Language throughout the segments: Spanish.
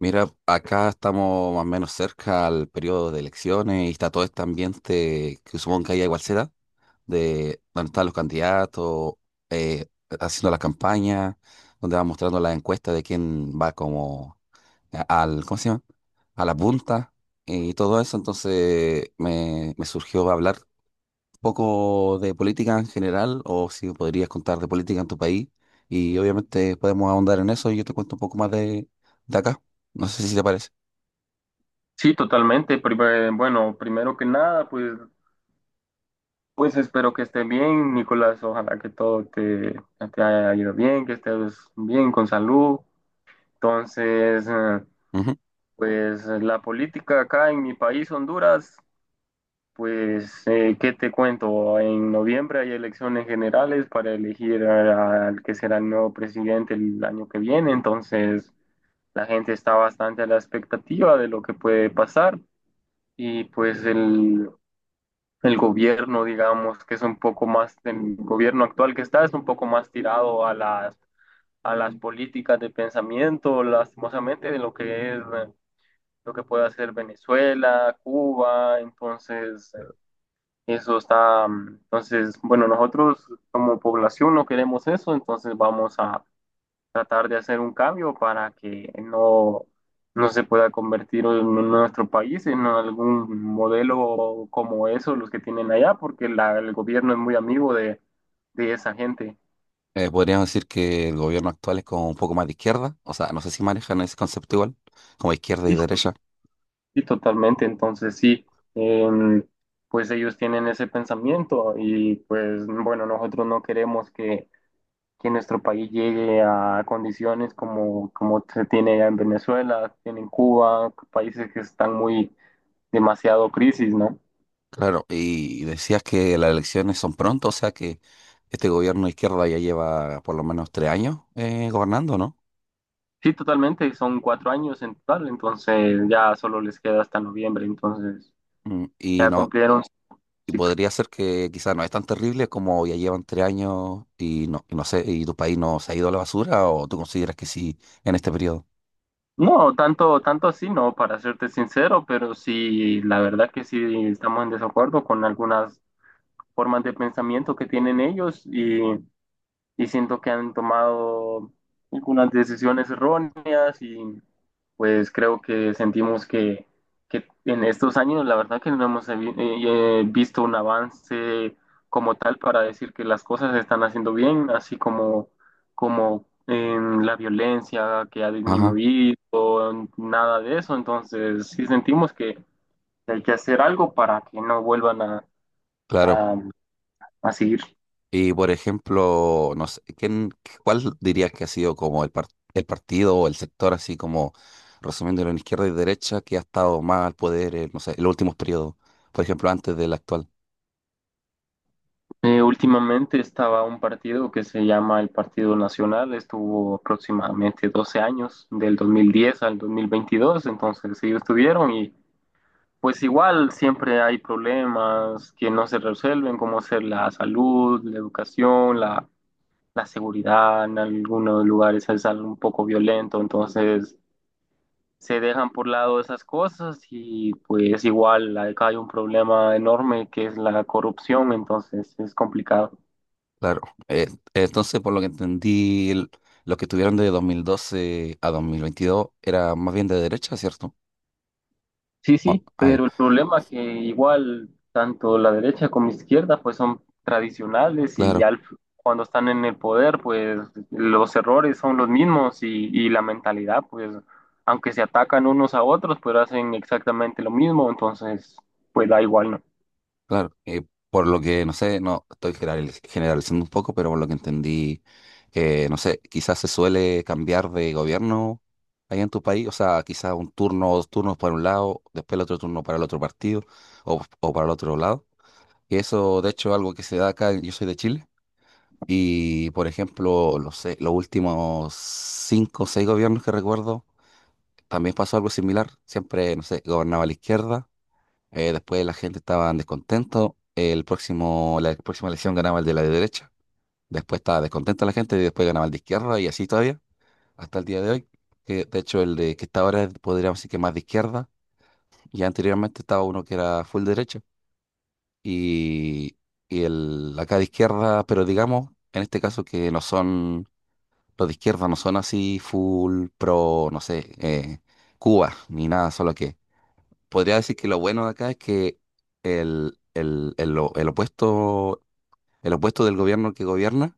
Mira, acá estamos más o menos cerca al periodo de elecciones y está todo este ambiente que supongo que hay igual será, de donde están los candidatos, eh, haciendo la campaña, donde van mostrando las encuestas de quién va como al, ¿cómo se llama? A la punta y todo eso. Entonces me surgió hablar un poco de política en general o si podrías contar de política en tu país y obviamente podemos ahondar en eso y yo te cuento un poco más de acá. No sé si te parece. Sí, totalmente. Primero que nada, pues espero que estés bien, Nicolás. Ojalá que todo te haya ido bien, que estés bien con salud. Entonces, Ujú. pues la política acá en mi país, Honduras, pues, ¿qué te cuento? En noviembre hay elecciones generales para elegir al que será el nuevo presidente el año que viene. Entonces, la gente está bastante a la expectativa de lo que puede pasar. Y pues el... el gobierno, digamos, que es un poco más, el gobierno actual que está es un poco más tirado a a las políticas de pensamiento, lastimosamente, de lo que es, lo que puede hacer Venezuela, Cuba. Eso está, entonces, bueno, nosotros como población no queremos eso, entonces vamos a tratar de hacer un cambio para que no se pueda convertir en nuestro país en algún modelo como eso, los que tienen allá, porque el gobierno es muy amigo de esa gente. Podríamos decir que el gobierno actual es como un poco más de izquierda, o sea, no sé si manejan ese concepto igual, como izquierda y Sí, sí, derecha. sí, totalmente. Entonces, sí, em, pues ellos tienen ese pensamiento y pues bueno, nosotros no queremos que nuestro país llegue a condiciones como, como se tiene allá en Venezuela, tiene en Cuba, países que están muy demasiado crisis, ¿no? Claro, y decías que las elecciones son pronto, o sea que este gobierno de izquierda ya lleva por lo menos 3 años gobernando, ¿no? Sí, totalmente, y son 4 años en total, entonces ya solo les queda hasta noviembre. Entonces Mm. Y ya no, cumplieron su y ciclo. podría ser que quizás no es tan terrible como ya llevan 3 años y no sé, y tu país no se ha ido a la basura, o tú consideras que sí en este periodo. No, tanto, tanto así no, para serte sincero, pero sí, la verdad que sí estamos en desacuerdo con algunas formas de pensamiento que tienen y siento que han tomado algunas decisiones erróneas y pues creo que sentimos que en estos años la verdad que no hemos visto un avance como tal para decir que las cosas se están haciendo bien, así como, como en la violencia que ha Ajá, disminuido, nada de eso. Entonces sí sentimos que hay que hacer algo para que no vuelvan claro. a, a seguir. Y por ejemplo, no sé, cuál dirías que ha sido como el partido o el sector, así como resumiéndolo en izquierda y derecha, que ha estado más al poder, no sé, en los últimos periodos, por ejemplo, antes del actual? Últimamente estaba un partido que se llama el Partido Nacional, estuvo aproximadamente 12 años, del 2010 al 2022. Entonces ellos estuvieron y pues igual siempre hay problemas que no se resuelven, como ser la salud, la educación, la seguridad, en algunos lugares es algo un poco violento, entonces se dejan por lado esas cosas y pues igual acá hay un problema enorme que es la corrupción, entonces es complicado. Claro. Eh, entonces, por lo que entendí, los que estuvieron de 2012 a 2022 era más bien de derecha, ¿cierto? Sí, Ah, sí, ah, ya. pero el problema que igual tanto la derecha como izquierda pues son tradicionales y Claro. Cuando están en el poder pues los errores son los y la mentalidad pues aunque se atacan unos a otros pues hacen exactamente lo mismo, entonces pues da igual, ¿no? Claro, por lo que, no sé, no estoy generalizando un poco, pero por lo que entendí, no sé, quizás se suele cambiar de gobierno ahí en tu país, o sea, quizás un turno o dos turnos para un lado, después el otro turno para el otro partido o para el otro lado. Y eso, de hecho, es algo que se da acá, yo soy de Chile, y por ejemplo, los últimos cinco o seis gobiernos que recuerdo, también pasó algo similar, siempre, no sé, gobernaba la izquierda después la gente estaba descontento. La próxima elección ganaba el de la derecha. Después estaba descontenta la gente y después ganaba el de izquierda y así todavía hasta el día de hoy. Que de hecho el de que está ahora es, podríamos decir que más de izquierda y anteriormente estaba uno que era full derecha y, y el acá de izquierda, pero digamos en este caso que no son los de izquierda no son así full pro, no sé, Cuba ni nada, solo que podría decir que lo bueno de acá es que el, el- el o- el opuesto, el opuesto del gobierno que gobierna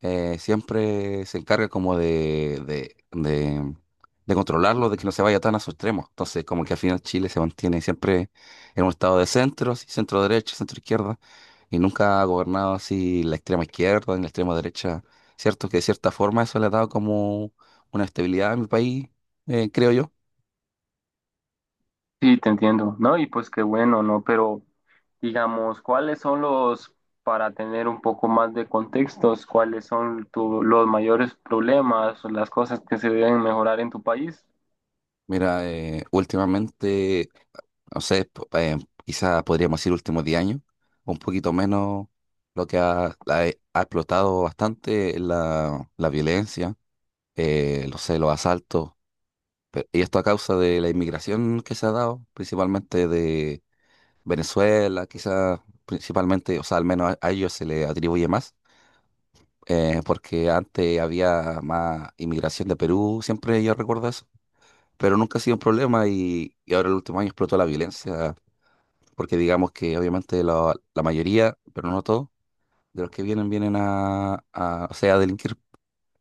siempre se encarga como de controlarlo, de que no se vaya tan a sus extremos. Entonces, como que al final Chile se mantiene siempre en un estado de centros, centro derecha, centro izquierda, y nunca ha gobernado así la extrema izquierda ni la extrema derecha. Cierto que de cierta forma eso le ha dado como una estabilidad a mi país, creo yo. Sí, te entiendo, ¿no? Y pues qué bueno, ¿no? Pero digamos, para tener un poco más de contextos, los mayores problemas o las cosas que se deben mejorar en tu país? Mira, últimamente no sé, quizás podríamos decir últimos 10 años, un poquito menos lo que ha explotado bastante es la violencia, no sé, los asaltos, y esto a causa de la inmigración que se ha dado, principalmente de Venezuela, quizás principalmente, o sea, al menos a ellos se le atribuye más, porque antes había más inmigración de Perú, siempre yo recuerdo eso. Pero nunca ha sido un problema y ahora el último año explotó la violencia porque digamos que obviamente la mayoría, pero no todos, de los que vienen o sea, a delinquir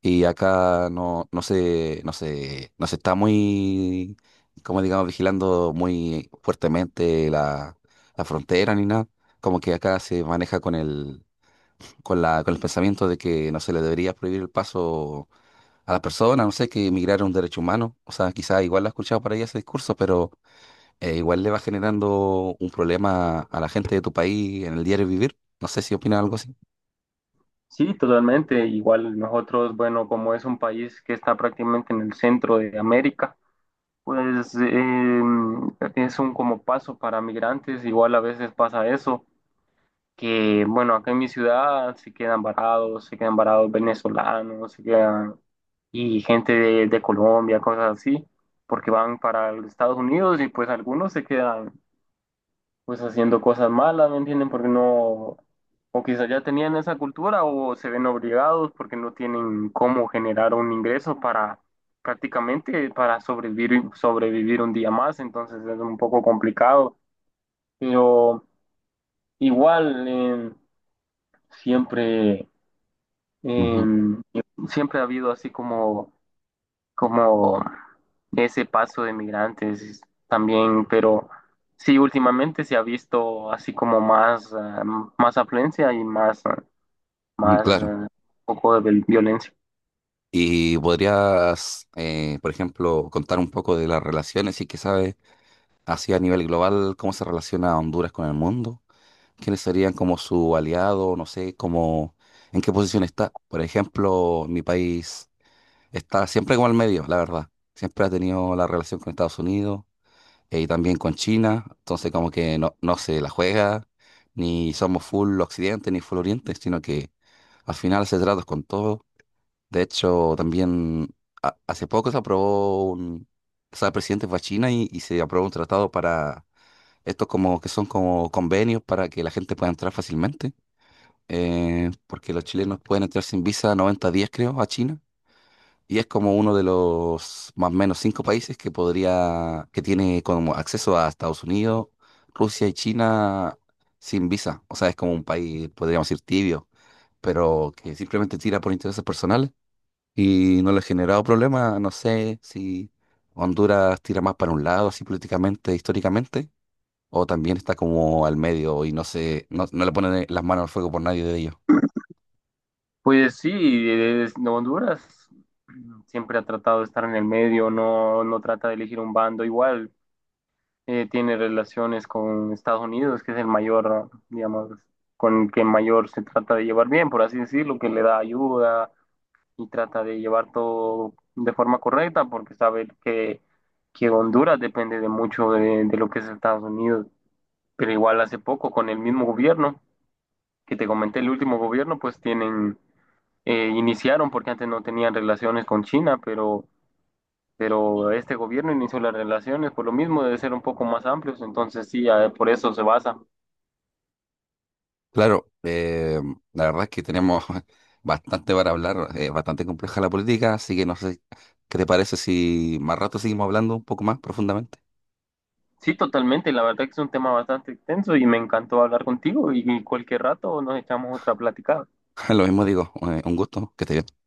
y acá no se está muy, como digamos, vigilando muy fuertemente la frontera ni nada. Como que acá se maneja con con el pensamiento de que no se le debería prohibir el paso a las personas, no sé, que emigrar es un derecho humano. O sea, quizás igual lo he escuchado por ahí ese discurso, pero igual le va generando un problema a la gente de tu país en el diario vivir. No sé si opinas algo así. Sí, totalmente. Igual nosotros, bueno, como es un país que está prácticamente en el centro de América, pues es un como paso para migrantes. Igual a veces pasa eso, que bueno, acá en mi ciudad se quedan varados venezolanos, se quedan y gente de Colombia, cosas así, porque van para los Estados Unidos y pues algunos se quedan pues haciendo cosas malas, ¿me entienden? Porque no, o quizás ya tenían esa cultura o se ven obligados porque no tienen cómo generar un ingreso para prácticamente para sobrevivir, sobrevivir un día más, entonces es un poco complicado, pero igual siempre, eh, Ujú, siempre ha habido así como como ese paso de migrantes también, pero sí, últimamente se ha visto así como más, más afluencia y más, mm, más claro. ah, poco de violencia. Y podrías, por ejemplo, contar un poco de las relaciones y que sabes, así a nivel global, cómo se relaciona Honduras con el mundo, quiénes serían como su aliado, no sé, cómo, en qué posición está. Por ejemplo, mi país está siempre como al medio, la verdad. Siempre ha tenido la relación con Estados Unidos y también con China, entonces como que no se la juega, ni somos full occidente ni full oriente, sino que al final se trata con todo. De hecho, también hace poco se aprobó o sea, el presidente fue a China y se aprobó un tratado para estos como que son como convenios para que la gente pueda entrar fácilmente, porque los chilenos pueden entrar sin visa 90 días, creo, a China. Y es como uno de los más o menos cinco países que tiene como acceso a Estados Unidos, Rusia y China sin visa. O sea, es como un país, podríamos decir, tibio, pero que simplemente tira por intereses personales y no le ha generado problema. No sé si Honduras tira más para un lado, así políticamente, históricamente, o también está como al medio y no se, no, no le ponen las manos al fuego por nadie de ellos. Pues sí, Honduras siempre ha tratado de estar en el medio, no, no trata de elegir un bando igual. Tiene relaciones con Estados Unidos, que es el mayor, digamos, con el que mayor se trata de llevar bien, por así decirlo, que le da ayuda y trata de llevar todo de forma correcta porque sabe que Honduras depende de mucho de lo que es Estados Unidos. Pero igual hace poco con el mismo gobierno que te comenté, el último gobierno, pues tienen, iniciaron porque antes no tenían relaciones con China, pero este gobierno inició las relaciones por lo mismo de ser un poco más amplios, entonces sí, por eso se basa. Claro, la verdad es que tenemos bastante para hablar, es bastante compleja la política, así que no sé qué te parece si más rato seguimos hablando un poco más profundamente. Sí, totalmente, la verdad que es un tema bastante extenso y me encantó hablar contigo y cualquier rato nos echamos otra platicada. Lo mismo digo, un gusto, que estés bien.